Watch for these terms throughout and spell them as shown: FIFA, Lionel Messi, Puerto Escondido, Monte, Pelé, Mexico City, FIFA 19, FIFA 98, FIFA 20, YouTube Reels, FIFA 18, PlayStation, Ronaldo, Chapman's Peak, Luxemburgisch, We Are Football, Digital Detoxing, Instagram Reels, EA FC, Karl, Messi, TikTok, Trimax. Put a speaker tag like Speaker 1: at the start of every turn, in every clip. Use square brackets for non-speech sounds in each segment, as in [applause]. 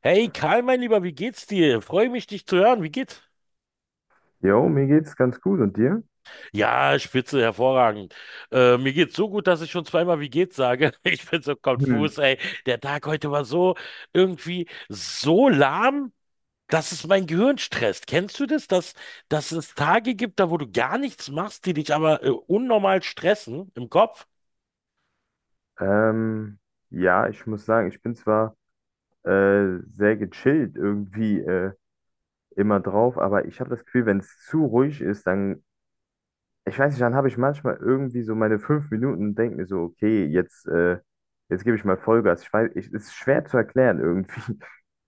Speaker 1: Hey Karl, mein Lieber, wie geht's dir? Freue mich, dich zu hören. Wie geht's?
Speaker 2: Jo, mir geht's ganz gut und dir?
Speaker 1: Ja, spitze, hervorragend. Mir geht's so gut, dass ich schon zweimal wie geht's sage. [laughs] Ich bin so
Speaker 2: Hm.
Speaker 1: konfus, ey. Der Tag heute war so irgendwie so lahm, dass es mein Gehirn stresst. Kennst du das, dass es Tage gibt, da wo du gar nichts machst, die dich aber unnormal stressen im Kopf?
Speaker 2: Ähm, ja, ich muss sagen, ich bin zwar sehr gechillt irgendwie immer drauf, aber ich habe das Gefühl, wenn es zu ruhig ist, dann, ich weiß nicht, dann habe ich manchmal irgendwie so meine fünf Minuten und denke mir so, okay, jetzt gebe ich mal Vollgas. Ich weiß, es ist schwer zu erklären irgendwie.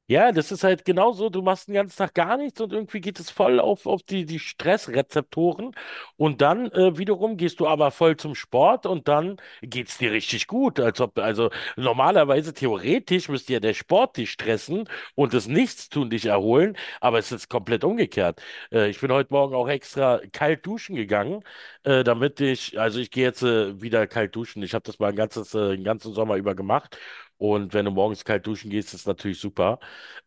Speaker 1: Ja, das ist halt genau so. Du machst den ganzen Tag gar nichts und irgendwie geht es voll auf die Stressrezeptoren und dann wiederum gehst du aber voll zum Sport und dann geht's dir richtig gut. Als ob, also normalerweise theoretisch müsste ja der Sport dich stressen und das Nichtstun dich erholen, aber es ist komplett umgekehrt. Ich bin heute Morgen auch extra kalt duschen gegangen, damit ich, also ich gehe jetzt wieder kalt duschen. Ich habe das mal ein den ganzen Sommer über gemacht. Und wenn du morgens kalt duschen gehst, ist natürlich super.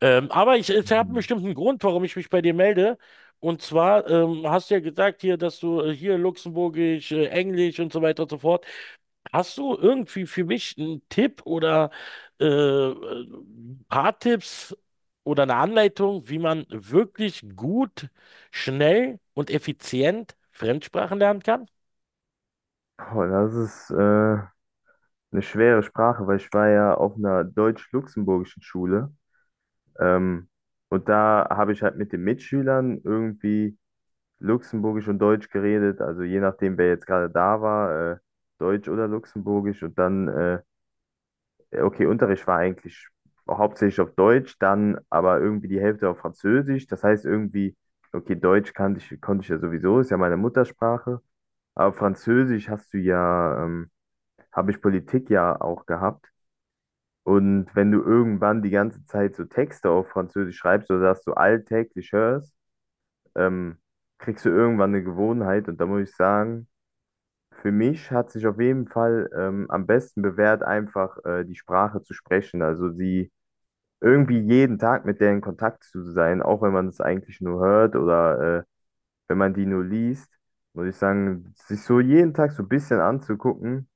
Speaker 1: Aber ich habe einen
Speaker 2: Mhm.
Speaker 1: bestimmten Grund, warum ich mich bei dir melde. Und zwar hast du ja gesagt hier, dass du hier Luxemburgisch, Englisch und so weiter und so fort. Hast du irgendwie für mich einen Tipp oder ein paar Tipps oder eine Anleitung, wie man wirklich gut, schnell und effizient Fremdsprachen lernen kann?
Speaker 2: Boah, das ist eine schwere Sprache, weil ich war ja auf einer deutsch-luxemburgischen Schule. Ähm, und da habe ich halt mit den Mitschülern irgendwie Luxemburgisch und Deutsch geredet, also je nachdem, wer jetzt gerade da war, Deutsch oder Luxemburgisch. Und dann, okay, Unterricht war eigentlich hauptsächlich auf Deutsch, dann aber irgendwie die Hälfte auf Französisch. Das heißt irgendwie, okay, Deutsch kannte ich, konnte ich ja sowieso, ist ja meine Muttersprache. Aber Französisch habe ich Politik ja auch gehabt. Und wenn du irgendwann die ganze Zeit so Texte auf Französisch schreibst oder dass du alltäglich hörst, ähm, kriegst du irgendwann eine Gewohnheit. Und da muss ich sagen, für mich hat sich auf jeden Fall am besten bewährt, einfach die Sprache zu sprechen. Also sie irgendwie jeden Tag mit der in Kontakt zu sein, auch wenn man es eigentlich nur hört oder wenn man die nur liest, muss ich sagen, sich so jeden Tag so ein bisschen anzugucken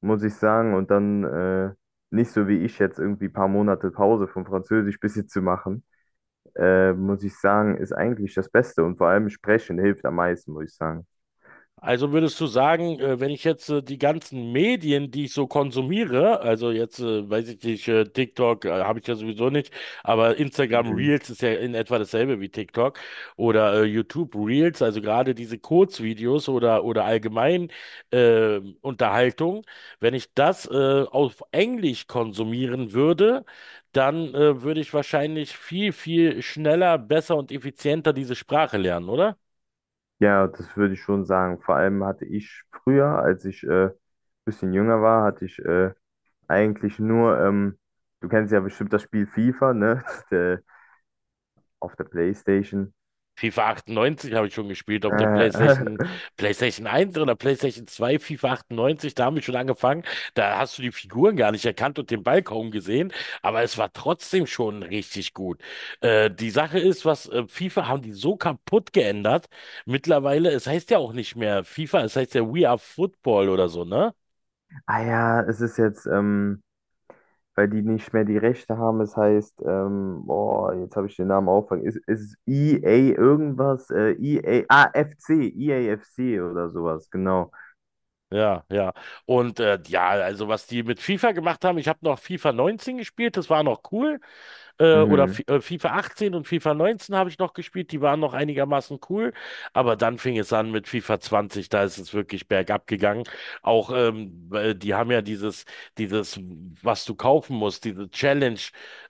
Speaker 2: muss ich sagen. Und dann nicht so wie ich jetzt irgendwie ein paar Monate Pause vom Französisch bisschen zu machen, muss ich sagen, ist eigentlich das Beste. Und vor allem Sprechen hilft am meisten, muss ich sagen.
Speaker 1: Also würdest du sagen, wenn ich jetzt die ganzen Medien, die ich so konsumiere, also jetzt weiß ich nicht, TikTok habe ich ja sowieso nicht, aber Instagram
Speaker 2: Mhm.
Speaker 1: Reels ist ja in etwa dasselbe wie TikTok oder YouTube Reels, also gerade diese Kurzvideos oder allgemein Unterhaltung, wenn ich das auf Englisch konsumieren würde, dann würde ich wahrscheinlich viel schneller, besser und effizienter diese Sprache lernen, oder?
Speaker 2: Ja, das würde ich schon sagen. Vor allem hatte ich früher, als ich ein bisschen jünger war, hatte ich eigentlich nur, du kennst ja bestimmt das Spiel FIFA, ne? [laughs] Der, auf der PlayStation.
Speaker 1: FIFA 98 habe ich schon gespielt auf der
Speaker 2: Äh,
Speaker 1: PlayStation,
Speaker 2: [laughs]
Speaker 1: PlayStation 1 oder PlayStation 2, FIFA 98, da haben wir schon angefangen. Da hast du die Figuren gar nicht erkannt und den Ball kaum gesehen, aber es war trotzdem schon richtig gut. Die Sache ist, was FIFA haben die so kaputt geändert. Mittlerweile, es heißt ja auch nicht mehr FIFA, es heißt ja We Are Football oder so, ne?
Speaker 2: ah ja, es ist jetzt weil die nicht mehr die Rechte haben. Es heißt, boah, jetzt habe ich den Namen aufgefangen. Ist E a irgendwas? EA, f c E A F C oder sowas, genau.
Speaker 1: Ja, ja. Und also was die mit FIFA gemacht haben, ich habe noch FIFA 19 gespielt, das war noch cool. Oder F
Speaker 2: Mhm,
Speaker 1: FIFA 18 und FIFA 19 habe ich noch gespielt, die waren noch einigermaßen cool, aber dann fing es an mit FIFA 20, da ist es wirklich bergab gegangen. Auch weil die haben ja dieses, was du kaufen musst, diese Challenge,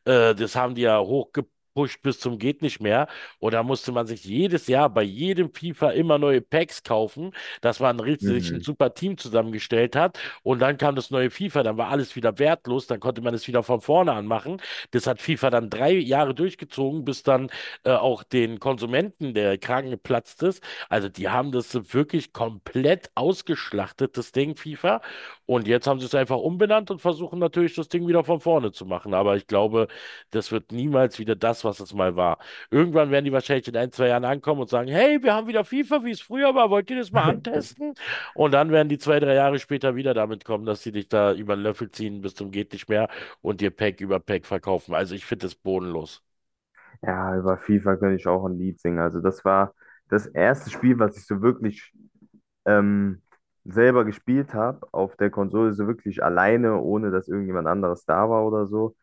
Speaker 1: das haben die ja hochgepusht bis zum geht nicht mehr. Und da musste man sich jedes Jahr bei jedem FIFA immer neue Packs kaufen, dass man richtig sich ein
Speaker 2: mhm.
Speaker 1: super Team zusammengestellt hat. Und dann kam das neue FIFA, dann war alles wieder wertlos, dann konnte man es wieder von vorne anmachen. Das hat FIFA dann drei Jahre durchgezogen, bis dann auch den Konsumenten der Kragen geplatzt ist. Also die haben das wirklich komplett ausgeschlachtet, das Ding FIFA. Und jetzt haben sie es einfach umbenannt und versuchen natürlich das Ding wieder von vorne zu machen. Aber ich glaube, das wird niemals wieder das, was es mal war. Irgendwann werden die wahrscheinlich in ein, zwei Jahren ankommen und sagen, hey, wir haben wieder FIFA, wie es früher war, wollt ihr das mal
Speaker 2: [laughs]
Speaker 1: antesten? Und dann werden die zwei, drei Jahre später wieder damit kommen, dass sie dich da über den Löffel ziehen bis zum geht nicht mehr und dir Pack über Pack verkaufen. Also ich finde das bodenlos.
Speaker 2: Ja, über FIFA könnte ich auch ein Lied singen. Also das war das erste Spiel, was ich so wirklich ähm, selber gespielt habe auf der Konsole, so wirklich alleine, ohne dass irgendjemand anderes da war oder so,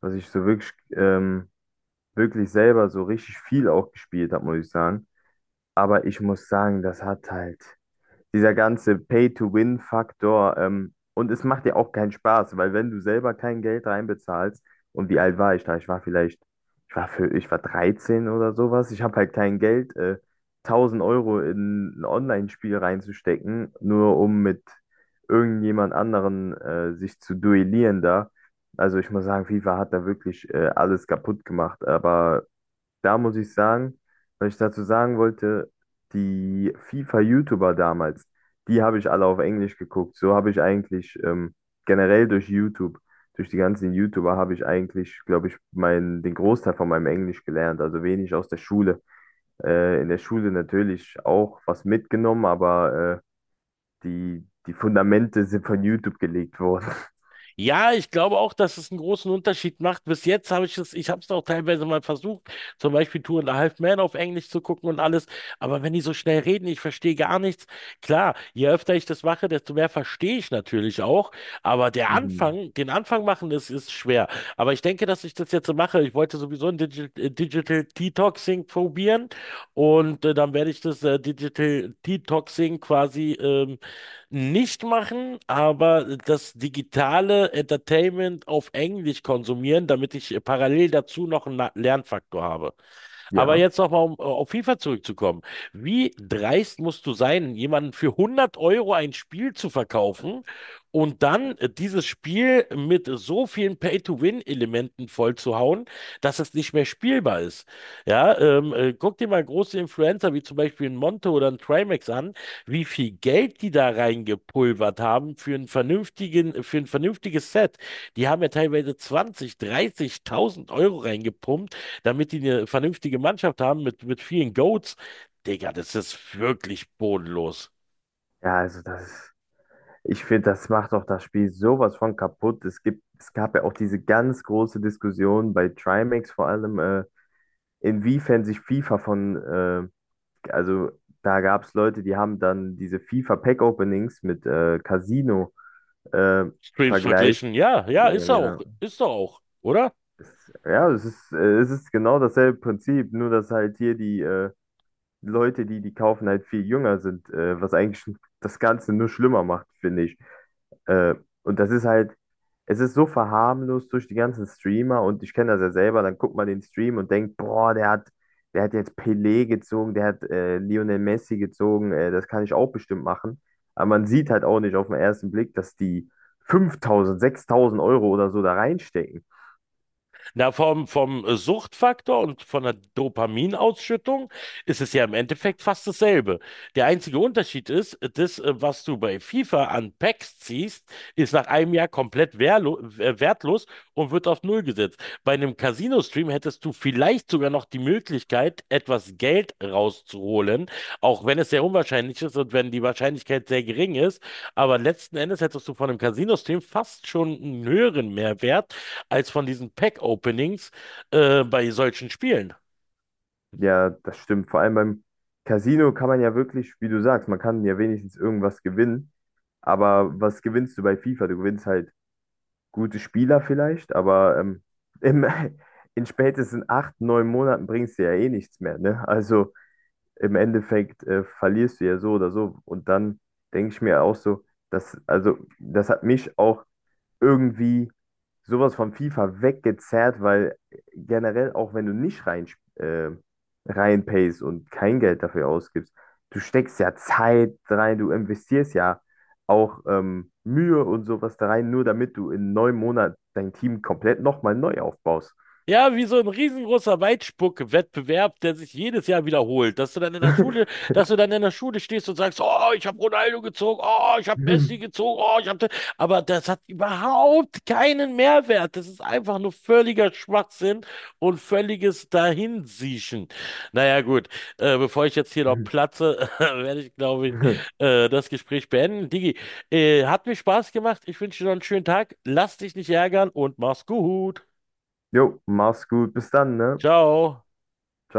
Speaker 2: was ich so wirklich selber so richtig viel auch gespielt habe, muss ich sagen. Aber ich muss sagen, das hat halt dieser ganze Pay-to-Win-Faktor. Und es macht dir auch keinen Spaß, weil wenn du selber kein Geld reinbezahlst, und wie alt war ich da? Ich war vielleicht, ich war 13 oder sowas. Ich habe halt kein Geld, 1000 Euro in ein Online-Spiel reinzustecken, nur um mit irgendjemand anderen sich zu duellieren da. Also ich muss sagen, FIFA hat da wirklich alles kaputt gemacht. Aber da muss ich sagen, was ich dazu sagen wollte, die FIFA-YouTuber damals, die habe ich alle auf Englisch geguckt. So habe ich eigentlich generell durch YouTube, durch die ganzen YouTuber habe ich eigentlich, glaube ich, den Großteil von meinem Englisch gelernt, also wenig aus der Schule. In der Schule natürlich auch was mitgenommen, aber die Fundamente sind von YouTube gelegt worden. [laughs]
Speaker 1: Ja, ich glaube auch, dass es einen großen Unterschied macht. Bis jetzt ich habe es auch teilweise mal versucht, zum Beispiel Two and a Half Man auf Englisch zu gucken und alles. Aber wenn die so schnell reden, ich verstehe gar nichts. Klar, je öfter ich das mache, desto mehr verstehe ich natürlich auch. Aber
Speaker 2: Mhm.
Speaker 1: Den Anfang machen, das ist schwer. Aber ich denke, dass ich das jetzt so mache. Ich wollte sowieso ein Digital Detoxing probieren und dann werde ich das Digital Detoxing quasi nicht machen, aber das digitale Entertainment auf Englisch konsumieren, damit ich parallel dazu noch einen Lernfaktor habe. Aber
Speaker 2: Ja.
Speaker 1: jetzt nochmal, um auf FIFA zurückzukommen. Wie dreist musst du sein, jemanden für 100 € ein Spiel zu verkaufen und dann dieses Spiel mit so vielen Pay-to-Win-Elementen vollzuhauen, dass es nicht mehr spielbar ist? Ja, Guck dir mal große Influencer wie zum Beispiel ein Monte oder ein Trimax an, wie viel Geld die da reingepulvert haben für einen für ein vernünftiges Set. Die haben ja teilweise 20, 30.000 € reingepumpt, damit die eine vernünftige Mannschaft haben mit vielen Goats. Digga, das ist wirklich bodenlos.
Speaker 2: Ja, also das. Ich finde, das macht doch das Spiel sowas von kaputt. Es gab ja auch diese ganz große Diskussion bei Trimax vor allem, inwiefern sich FIFA von, also da gab es Leute, die haben dann diese FIFA Pack Openings mit Casino äh,
Speaker 1: Streams
Speaker 2: vergleicht.
Speaker 1: verglichen. Ja, ja,
Speaker 2: Ja,
Speaker 1: ist er
Speaker 2: genau.
Speaker 1: auch. Ist doch auch, oder?
Speaker 2: Ja, es ist genau dasselbe Prinzip, nur dass halt hier die Leute, die die kaufen, halt viel jünger sind, was eigentlich [laughs] das Ganze nur schlimmer macht, finde ich. Äh, und das ist halt, es ist so verharmlost durch die ganzen Streamer und ich kenne das ja selber, dann guckt man den Stream und denkt, boah, der hat jetzt Pelé gezogen, der hat Lionel Messi gezogen, das kann ich auch bestimmt machen. Aber man sieht halt auch nicht auf den ersten Blick, dass die 5000, 6000 Euro oder so da reinstecken.
Speaker 1: Na, vom Suchtfaktor und von der Dopaminausschüttung ist es ja im Endeffekt fast dasselbe. Der einzige Unterschied ist, was du bei FIFA an Packs ziehst, ist nach einem Jahr komplett wehrlo wertlos und wird auf Null gesetzt. Bei einem Casino-Stream hättest du vielleicht sogar noch die Möglichkeit, etwas Geld rauszuholen, auch wenn es sehr unwahrscheinlich ist und wenn die Wahrscheinlichkeit sehr gering ist. Aber letzten Endes hättest du von einem Casino-Stream fast schon einen höheren Mehrwert als von diesen Pack-Openings bei solchen Spielen.
Speaker 2: Ja, das stimmt. Vor allem beim Casino kann man ja wirklich, wie du sagst, man kann ja wenigstens irgendwas gewinnen. Aber was gewinnst du bei FIFA? Du gewinnst halt gute Spieler vielleicht, aber im, [laughs] in spätestens 8, 9 Monaten bringst du ja eh nichts mehr, ne? Also im Endeffekt verlierst du ja so oder so. Und dann denke ich mir auch so, also das hat mich auch irgendwie sowas von FIFA weggezerrt, weil generell, auch wenn du nicht äh, reinpayst und kein Geld dafür ausgibst, du steckst ja Zeit rein, du investierst ja auch Mühe und sowas da rein, nur damit du in 9 Monaten dein Team komplett nochmal neu aufbaust.
Speaker 1: Ja, wie so ein riesengroßer Weitspuck-Wettbewerb, der sich jedes Jahr wiederholt.
Speaker 2: [laughs]
Speaker 1: Dass du dann in der Schule stehst und sagst, oh, ich habe Ronaldo gezogen, oh, ich habe Messi gezogen, oh, ich habe. Aber das hat überhaupt keinen Mehrwert. Das ist einfach nur völliger Schwachsinn und völliges Dahinsiechen. Naja, gut, bevor ich jetzt hier noch platze, [laughs] werde ich, glaube ich, das Gespräch beenden. Digi, hat mir Spaß gemacht. Ich wünsche dir noch einen schönen Tag. Lass dich nicht ärgern und mach's gut.
Speaker 2: Jo, mach's gut, bis dann, ne? Ciao.
Speaker 1: Ciao.